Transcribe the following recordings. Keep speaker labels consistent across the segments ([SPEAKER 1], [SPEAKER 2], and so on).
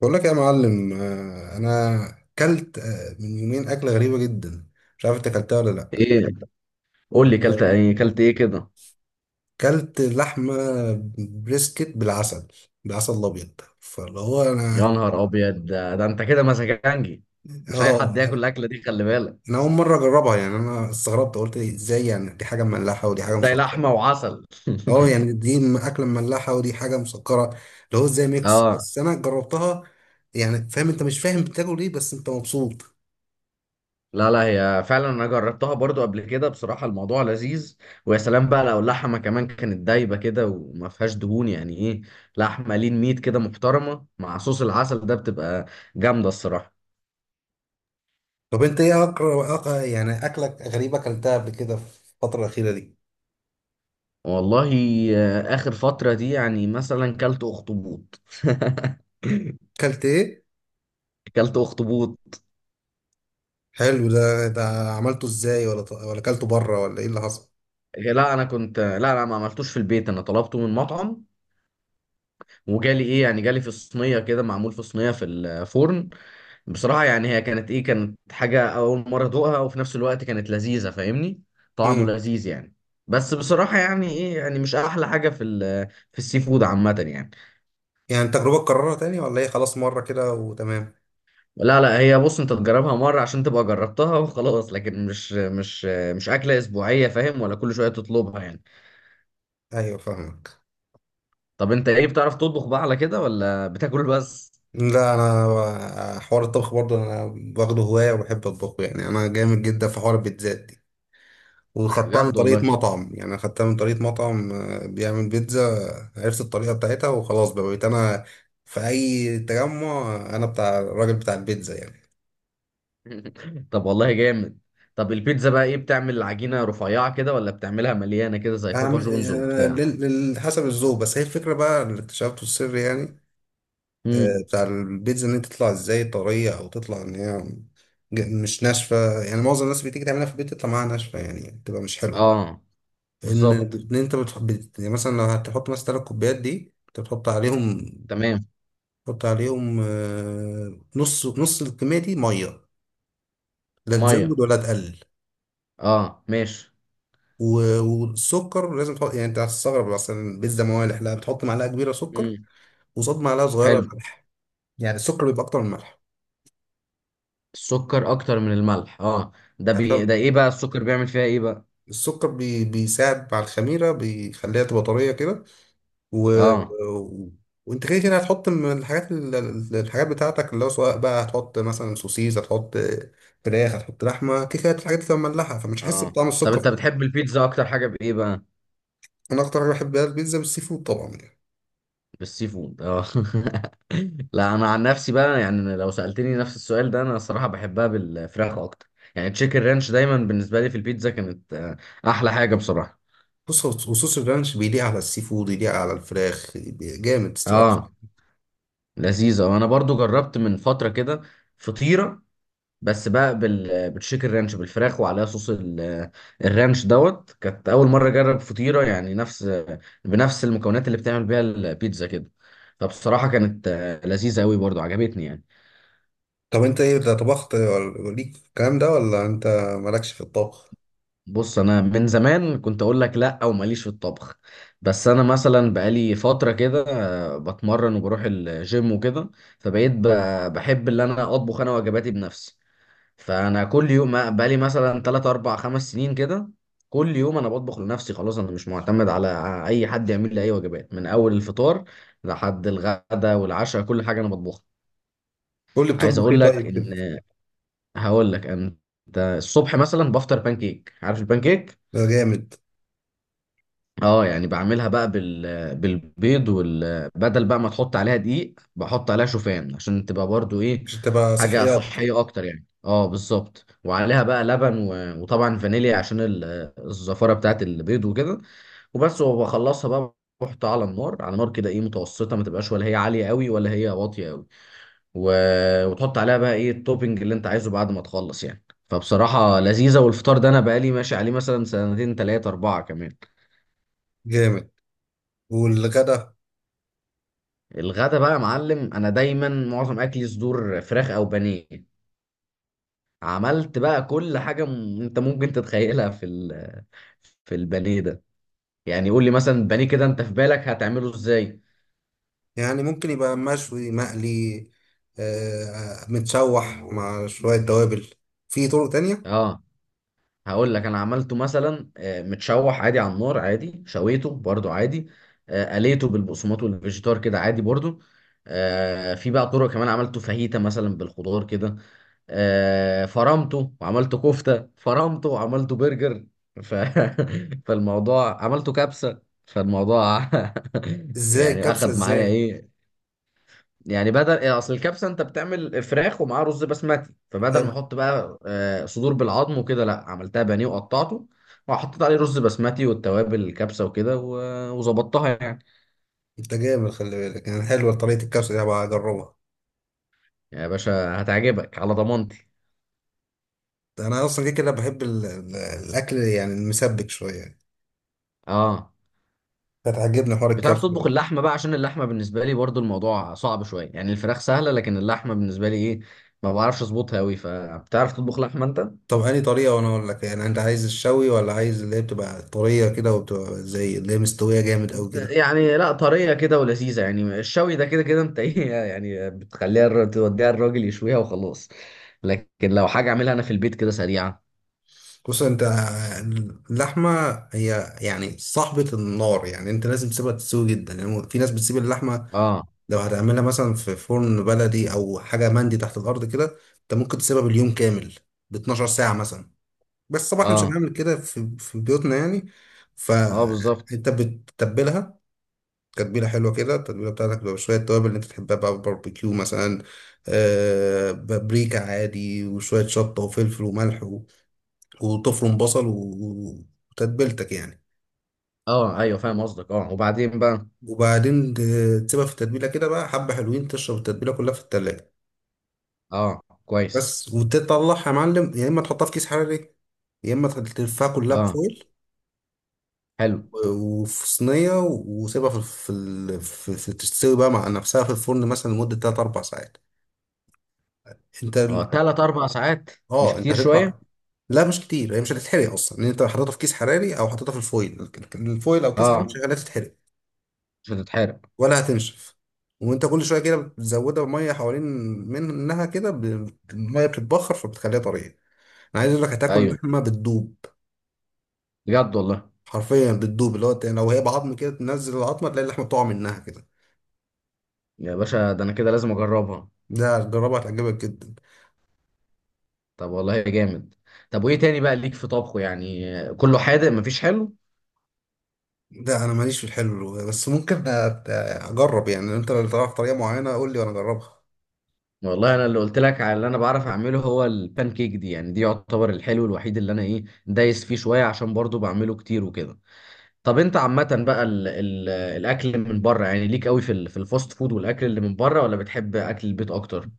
[SPEAKER 1] بقول لك يا معلم، انا كلت من يومين اكله غريبه جدا. مش عارف انت اكلتها ولا لا.
[SPEAKER 2] ايه. قول لي كلت
[SPEAKER 1] آه،
[SPEAKER 2] ايه كلت ايه كده.
[SPEAKER 1] كلت لحمه بريسكت بالعسل، بالعسل الابيض، فاللي هو
[SPEAKER 2] يا نهار ابيض، ده انت كده مسكنجي، مش اي حد
[SPEAKER 1] اه
[SPEAKER 2] ياكل الاكله دي خلي بالك.
[SPEAKER 1] انا اول مره اجربها. يعني انا استغربت، قلت إيه، ازاي؟ يعني دي حاجه مملحه ودي حاجه
[SPEAKER 2] ازاي
[SPEAKER 1] مسكره.
[SPEAKER 2] لحمه وعسل؟
[SPEAKER 1] اه، يعني اكله مملحه ودي حاجه مسكره، اللي هو ازاي ميكس؟
[SPEAKER 2] اه.
[SPEAKER 1] بس انا جربتها. يعني فاهم، انت مش فاهم بتاكل ايه بس انت مبسوط.
[SPEAKER 2] لا لا، هي فعلا انا جربتها برضو قبل كده، بصراحه الموضوع لذيذ. ويا سلام بقى لو اللحمه كمان كانت دايبه كده وما فيهاش دهون، يعني ايه لحمه لين ميت كده محترمه مع صوص العسل ده، بتبقى جامده الصراحه.
[SPEAKER 1] طب انت ايه؟ أقرأ يعني اكلك غريبه، اكلتها قبل كده في الفتره الاخيره دي؟
[SPEAKER 2] والله اخر فتره دي يعني مثلا كلت اخطبوط.
[SPEAKER 1] اكلت ايه؟
[SPEAKER 2] كلت اخطبوط.
[SPEAKER 1] حلو. ده عملته ازاي، ولا اكلته بره، ولا ايه اللي حصل؟
[SPEAKER 2] لا، انا كنت لا لا، ما عملتوش في البيت، انا طلبته من مطعم. وجالي ايه يعني جالي في صينيه كده، معمول في صينيه في الفرن. بصراحه يعني هي كانت ايه، كانت حاجه اول مره ادوقها، وفي نفس الوقت كانت لذيذه فاهمني. طعمه
[SPEAKER 1] امم
[SPEAKER 2] لذيذ يعني. بس بصراحه يعني ايه، يعني مش احلى حاجه في السي فود عامه يعني.
[SPEAKER 1] يعني تجربه تكررها تاني، ولا ايه، خلاص مره كده وتمام؟
[SPEAKER 2] لا لا، هي بص، انت تجربها مره عشان تبقى جربتها وخلاص، لكن مش مش اكله اسبوعيه، فاهم ولا كل شويه تطلبها يعني.
[SPEAKER 1] ايوه فاهمك.
[SPEAKER 2] طب انت ايه، بتعرف تطبخ بقى على كده ولا بتاكل بس؟
[SPEAKER 1] لا، انا حوار الطبخ برضه، انا واخده هوايه وبحب اطبخه. يعني انا جامد جدا في حوار البيتزات. وخدتها من
[SPEAKER 2] بجد
[SPEAKER 1] طريقة
[SPEAKER 2] والله؟
[SPEAKER 1] مطعم، يعني أنا خدتها من طريقة مطعم بيعمل بيتزا. عرفت الطريقة بتاعتها وخلاص، بقى بقيت أنا في أي تجمع أنا بتاع الراجل بتاع البيتزا يعني.
[SPEAKER 2] طب والله جامد. طب البيتزا بقى ايه، بتعمل عجينة رفيعة كده ولا بتعملها مليانة كده زي بابا
[SPEAKER 1] أعمل
[SPEAKER 2] جونز وبتاع؟
[SPEAKER 1] حسب الذوق. بس هي الفكرة بقى اللي اكتشفته السر يعني.
[SPEAKER 2] امم.
[SPEAKER 1] بتاع البيتزا، إن أنت تطلع إزاي طرية أو تطلع إن هي مش ناشفة. يعني معظم الناس بتيجي تعملها في البيت تطلع معاها ناشفة، يعني بتبقى مش حلوة.
[SPEAKER 2] اه
[SPEAKER 1] إن
[SPEAKER 2] بالظبط.
[SPEAKER 1] إن أنت يعني مثلا لو هتحط مثلا 3 كوبايات، دي أنت بتحط عليهم.
[SPEAKER 2] تمام.
[SPEAKER 1] حط عليهم نص نص الكمية دي 100، لا
[SPEAKER 2] مية.
[SPEAKER 1] تزود ولا تقلل.
[SPEAKER 2] اه ماشي.
[SPEAKER 1] و- والسكر لازم تحط. يعني انت هتستغرب، مثلا البيتزا موالح؟ لا، بتحط معلقة كبيرة سكر،
[SPEAKER 2] امم.
[SPEAKER 1] وقصاد معلقة
[SPEAKER 2] حلو.
[SPEAKER 1] صغيرة ملح. يعني السكر بيبقى أكتر من الملح.
[SPEAKER 2] السكر اكتر من الملح، اه. ده
[SPEAKER 1] هتلاقي
[SPEAKER 2] ايه بقى السكر بيعمل فيها ايه بقى؟
[SPEAKER 1] السكر بيساعد على الخميرة، بيخليها تبقى طرية كده. و...
[SPEAKER 2] اه.
[SPEAKER 1] و... وانت كده كده هتحط من الحاجات الحاجات بتاعتك، اللي هو سواء بقى هتحط مثلا سوسيس، هتحط فراخ، هتحط لحمة. كده كده الحاجات دي تبقى مملحة فمش هتحس
[SPEAKER 2] اه،
[SPEAKER 1] بطعم
[SPEAKER 2] طب انت
[SPEAKER 1] السكر.
[SPEAKER 2] بتحب البيتزا اكتر حاجة بايه بقى؟
[SPEAKER 1] انا اكتر حاجه بحبها البيتزا بالسي فود طبعا يعني.
[SPEAKER 2] بالسي فود، اه. لا انا عن نفسي بقى، يعني لو سألتني نفس السؤال ده، انا الصراحة بحبها بالفراخ اكتر. يعني تشيكن رانش دايما بالنسبة لي في البيتزا كانت احلى حاجة بصراحة.
[SPEAKER 1] بص، هو وصوص الرانش بيليق على السي فود، يليق على الفراخ. جامد الصراحه.
[SPEAKER 2] اه، لذيذة. وانا برضو جربت من فترة كده فطيرة، بس بقى بالتشيكن رانش بالفراخ، وعليها صوص الرانش دوت، كانت اول مرة اجرب فطيرة يعني نفس بنفس المكونات اللي بتعمل بيها البيتزا كده، فبصراحة كانت لذيذة قوي، برضو عجبتني يعني.
[SPEAKER 1] طب انت ايه ده، طبخت ليك في الكلام ده ولا انت مالكش في الطبخ؟
[SPEAKER 2] بص، انا من زمان كنت اقول لك لا، او ماليش في الطبخ، بس انا مثلا بقالي فتره كده بتمرن وبروح الجيم وكده، فبقيت بحب اللي انا اطبخ انا وجباتي بنفسي. فانا كل يوم، بقالي مثلا 3 4 5 سنين كده، كل يوم انا بطبخ لنفسي، خلاص انا مش معتمد على اي حد يعمل لي اي وجبات، من اول الفطار لحد الغدا والعشاء كل حاجه انا بطبخها.
[SPEAKER 1] قول لي
[SPEAKER 2] عايز
[SPEAKER 1] بتطبخ ايه
[SPEAKER 2] اقول لك
[SPEAKER 1] طيب كده.
[SPEAKER 2] ان، هقول لك انت، الصبح مثلا بفطر بانكيك، عارف البانكيك؟
[SPEAKER 1] ده جامد.
[SPEAKER 2] اه، يعني بعملها بقى بالبيض بدل بقى ما تحط عليها دقيق بحط عليها شوفان، عشان تبقى برضو ايه،
[SPEAKER 1] عشان تبقى
[SPEAKER 2] حاجة
[SPEAKER 1] صحيه اكتر.
[SPEAKER 2] صحية اكتر يعني، اه بالظبط. وعليها بقى لبن وطبعا فانيليا عشان الزفارة بتاعت البيض وكده، وبس، وبخلصها بقى، بحطها على النار، على نار كده ايه، متوسطة، ما تبقاش ولا هي عالية قوي ولا هي واطية قوي، و... وتحط عليها بقى ايه التوبينج اللي انت عايزه بعد ما تخلص يعني. فبصراحة لذيذة، والفطار ده انا بقالي ماشي عليه مثلا سنتين تلاتة اربعة كمان.
[SPEAKER 1] جامد. والغدا؟
[SPEAKER 2] الغدا بقى يا معلم، انا دايما معظم اكلي صدور فراخ او بانيه. عملت بقى كل حاجه انت ممكن تتخيلها في البانيه ده. يعني قول لي مثلا البانيه كده، انت في بالك هتعمله ازاي؟
[SPEAKER 1] يعني ممكن يبقى مشوي، مقلي، متشوح مع شويه توابل. في طرق تانية.
[SPEAKER 2] اه، هقول لك، انا عملته مثلا متشوح عادي على النار عادي، شويته برضو عادي، قليته بالبقسماط والفيجيتار كده عادي برضو، في بقى طرق كمان، عملته فاهيتا مثلا بالخضار كده، فرمته وعملته كفتة، فرمته وعملته برجر، ف... فالموضوع عملته كبسة، فالموضوع
[SPEAKER 1] ازاي
[SPEAKER 2] يعني
[SPEAKER 1] الكبسه،
[SPEAKER 2] اخد معايا
[SPEAKER 1] ازاي؟
[SPEAKER 2] ايه. يعني بدل، يعني اصل الكبسه انت بتعمل فراخ ومعاه رز بسمتي، فبدل ما
[SPEAKER 1] حلو.
[SPEAKER 2] احط بقى صدور بالعظم وكده، لا عملتها بانيه وقطعته، وحطيت عليه رز بسمتي والتوابل الكبسه وكده، وظبطتها يعني.
[SPEAKER 1] انت جامد، خلي بالك. يعني حلوه طريقه الكبسه دي، هبقى اجربها.
[SPEAKER 2] يا باشا هتعجبك على ضمانتي.
[SPEAKER 1] انا اصلا كده كده بحب الاكل، يعني المسبك شويه.
[SPEAKER 2] اه،
[SPEAKER 1] هتعجبني حوار
[SPEAKER 2] بتعرف
[SPEAKER 1] الكرف
[SPEAKER 2] تطبخ
[SPEAKER 1] ده.
[SPEAKER 2] اللحمه بقى؟ عشان اللحمه بالنسبه لي برضو الموضوع صعب شويه، يعني الفراخ سهله لكن اللحمه بالنسبه لي ايه، ما بعرفش اظبطها قوي، فبتعرف تطبخ لحمه انت؟
[SPEAKER 1] طب انهي طريقه وانا اقول لك؟ يعني انت عايز الشوي، ولا عايز اللي هي بتبقى طريه كده وبتبقى زي اللي هي مستويه جامد قوي كده؟
[SPEAKER 2] يعني لا، طريه كده ولذيذه، يعني الشوي ده كده كده انت ايه يعني، بتخليها توديها الراجل يشويها وخلاص، لكن لو حاجه اعملها انا في البيت كده سريعه.
[SPEAKER 1] بص انت، اللحمه هي يعني صاحبه النار. يعني انت لازم تسيبها تستوي جدا. يعني في ناس بتسيب اللحمه،
[SPEAKER 2] اه،
[SPEAKER 1] لو هتعملها مثلا في فرن بلدي او حاجه مندي تحت الارض كده، انت ممكن تسيبها باليوم كامل، ب 12 ساعه مثلا. بس طبعا احنا مش
[SPEAKER 2] اه،
[SPEAKER 1] هنعمل كده في بيوتنا يعني.
[SPEAKER 2] اه بالظبط.
[SPEAKER 1] فانت بتتبلها تتبيله حلوه كده. التتبيله بتاعتك بتبقى شويه توابل اللي انت تحبها، بقى باربيكيو مثلا، بابريكا عادي، وشويه شطه وفلفل وملح، و- وتفرم بصل، و- وتتبيلتك يعني.
[SPEAKER 2] اه ايوه، فاهم قصدك. اه، وبعدين بقى؟
[SPEAKER 1] وبعدين تسيبها في التتبيله كده بقى حبه حلوين، تشرب التتبيله كلها في التلاجه.
[SPEAKER 2] اه كويس.
[SPEAKER 1] بس. وتطلعها يا معلم، يا اما تحطها في كيس حراري، يا اما تلفها كلها
[SPEAKER 2] اه
[SPEAKER 1] بفويل
[SPEAKER 2] حلو.
[SPEAKER 1] وفي صينية، وسيبها في في ال- في في تستوي بقى مع نفسها في الفرن مثلا لمدة 3 4 ساعات. انت
[SPEAKER 2] اه،
[SPEAKER 1] ال-
[SPEAKER 2] تلات اربع ساعات؟ مش
[SPEAKER 1] اه انت
[SPEAKER 2] كتير شويه؟
[SPEAKER 1] هتطلع. لا مش كتير، هي مش هتتحرق اصلا، لان انت حاططها في كيس حراري او حاططها في الفويل الفويل او كيس حراري، مش
[SPEAKER 2] اه،
[SPEAKER 1] هتخليها تتحرق
[SPEAKER 2] مش هتتحرق.
[SPEAKER 1] ولا هتنشف. وانت كل شويه كده بتزودها بميه حوالين منها كده، الميه بتتبخر فبتخليها طريه. انا عايز اقول لك، هتاكل
[SPEAKER 2] ايوه،
[SPEAKER 1] لحمه بتدوب.
[SPEAKER 2] بجد والله؟
[SPEAKER 1] حرفيا بتدوب، اللي هو لو هي بعظم كده تنزل العظمه تلاقي اللحمه بتقع منها كده.
[SPEAKER 2] يا باشا ده انا كده لازم اجربها.
[SPEAKER 1] ده جربها، هتعجبك جدا.
[SPEAKER 2] طب والله جامد. طب وايه تاني بقى ليك في طبخه يعني؟ كله حادق مفيش حلو؟
[SPEAKER 1] لا انا ماليش في الحلو، بس ممكن اجرب. يعني انت لو تعرف طريقه معينه قول لي وانا اجربها.
[SPEAKER 2] والله انا اللي قلت لك على اللي انا بعرف اعمله هو البان كيك دي، يعني دي يعتبر الحلو الوحيد اللي انا ايه، دايس فيه شويه عشان برضو بعمله كتير وكده. طب انت عامه بقى، ال ال الاكل من بره يعني، ليك قوي في الفاست فود والاكل اللي من بره، ولا بتحب اكل البيت اكتر؟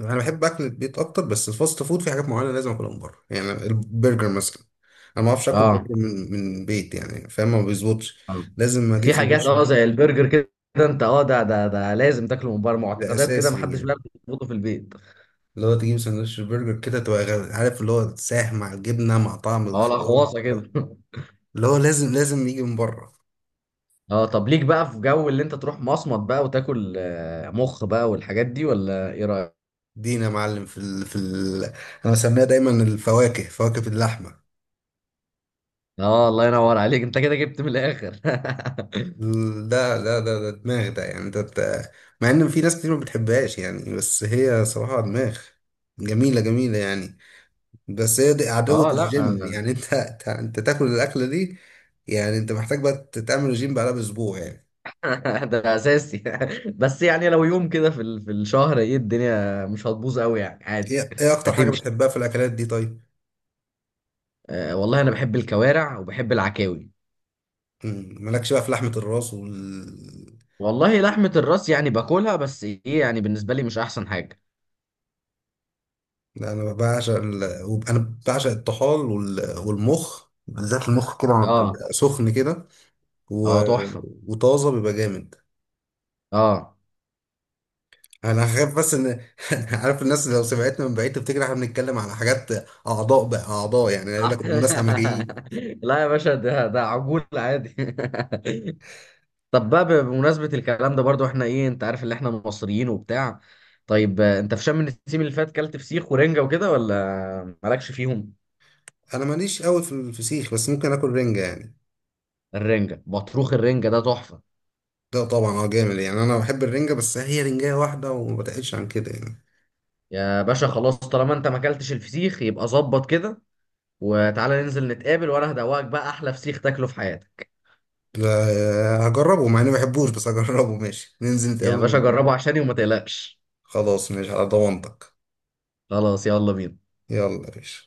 [SPEAKER 1] انا بحب اكل البيت اكتر، بس الفاست فود في حاجات معينه لازم اكلها من بره، يعني البرجر مثلا. انا ما اعرفش اكل برجر
[SPEAKER 2] اه.
[SPEAKER 1] من بيت، يعني فاهم، ما بيظبطش.
[SPEAKER 2] آه.
[SPEAKER 1] لازم اجيب
[SPEAKER 2] في حاجات
[SPEAKER 1] سندوتش،
[SPEAKER 2] زي البرجر كده، انت ده لازم تاكله من بره،
[SPEAKER 1] ده
[SPEAKER 2] معتقدات كده
[SPEAKER 1] اساسي
[SPEAKER 2] محدش
[SPEAKER 1] يعني.
[SPEAKER 2] بيعرف يظبطه في البيت.
[SPEAKER 1] اللي هو تجيب سندوتش برجر كده تبقى عارف، اللي هو ساح مع الجبنه مع طعم
[SPEAKER 2] اه،
[SPEAKER 1] الخيار،
[SPEAKER 2] الاخواصه كده.
[SPEAKER 1] اللي هو لازم لازم يجي من بره.
[SPEAKER 2] اه، طب ليك بقى في جو اللي انت تروح مصمت بقى وتاكل مخ بقى والحاجات دي، ولا ايه رايك؟
[SPEAKER 1] دينا يا معلم انا بسميها دايما الفواكه، فواكه اللحمه.
[SPEAKER 2] اه، الله ينور عليك، انت كده جبت من الاخر.
[SPEAKER 1] لا، لا، ده دماغ، ده يعني ده. مع ان في ناس كتير ما بتحبهاش يعني، بس هي صراحة دماغ جميلة جميلة يعني. بس هي دي عدوة
[SPEAKER 2] اه
[SPEAKER 1] الجيم.
[SPEAKER 2] لا.
[SPEAKER 1] يعني انت انت أنت تاكل الاكلة دي؟ يعني انت محتاج بقى تعمل رجيم بعدها باسبوع يعني.
[SPEAKER 2] ده اساسي. بس يعني لو يوم كده في الشهر، ايه، الدنيا مش هتبوظ قوي يعني، عادي.
[SPEAKER 1] ايه اكتر حاجة
[SPEAKER 2] هتمشي.
[SPEAKER 1] بتحبها في الاكلات دي طيب؟
[SPEAKER 2] آه والله انا بحب الكوارع وبحب العكاوي.
[SPEAKER 1] مالكش بقى في لحمة الراس وال...
[SPEAKER 2] والله لحمة الراس يعني باكلها، بس ايه يعني بالنسبة لي مش احسن حاجة.
[SPEAKER 1] لا انا بعشق الطحال والمخ، بالذات المخ كده لما
[SPEAKER 2] اه.
[SPEAKER 1] بيبقى سخن كده و...
[SPEAKER 2] اه، تحفة.
[SPEAKER 1] وطازة بيبقى جامد.
[SPEAKER 2] اه.
[SPEAKER 1] انا خايف بس ان عارف، الناس لو سمعتنا من بعيد تفتكر احنا بنتكلم على حاجات، اعضاء بقى اعضاء يعني، يقول لك الناس همجيين.
[SPEAKER 2] لا يا باشا، ده عجول عادي. طب بقى بمناسبة الكلام ده برضو، احنا ايه، انت عارف اللي احنا مصريين وبتاع، طيب انت في شم النسيم اللي فات كلت فسيخ ورنجة وكده ولا مالكش فيهم؟
[SPEAKER 1] انا ماليش قوي في الفسيخ، بس ممكن اكل رنجه يعني.
[SPEAKER 2] الرنجة بطروخ، الرنجة ده تحفة.
[SPEAKER 1] ده طبعا، جامد يعني. انا بحب الرنجه بس هي رنجه واحده وما بتقلش عن كده يعني.
[SPEAKER 2] يا باشا خلاص، طالما انت ما اكلتش الفسيخ يبقى ظبط كده، وتعالى ننزل نتقابل وانا هدوقك بقى احلى فسيخ تاكله في حياتك.
[SPEAKER 1] لا هجربه مع اني ما بحبوش، بس هجربه ماشي، ننزل نتقابل
[SPEAKER 2] يا باشا
[SPEAKER 1] ونجربه.
[SPEAKER 2] جربه عشاني وما تقلقش.
[SPEAKER 1] خلاص ماشي على ضمانتك.
[SPEAKER 2] خلاص يلا بينا.
[SPEAKER 1] يلا يا باشا.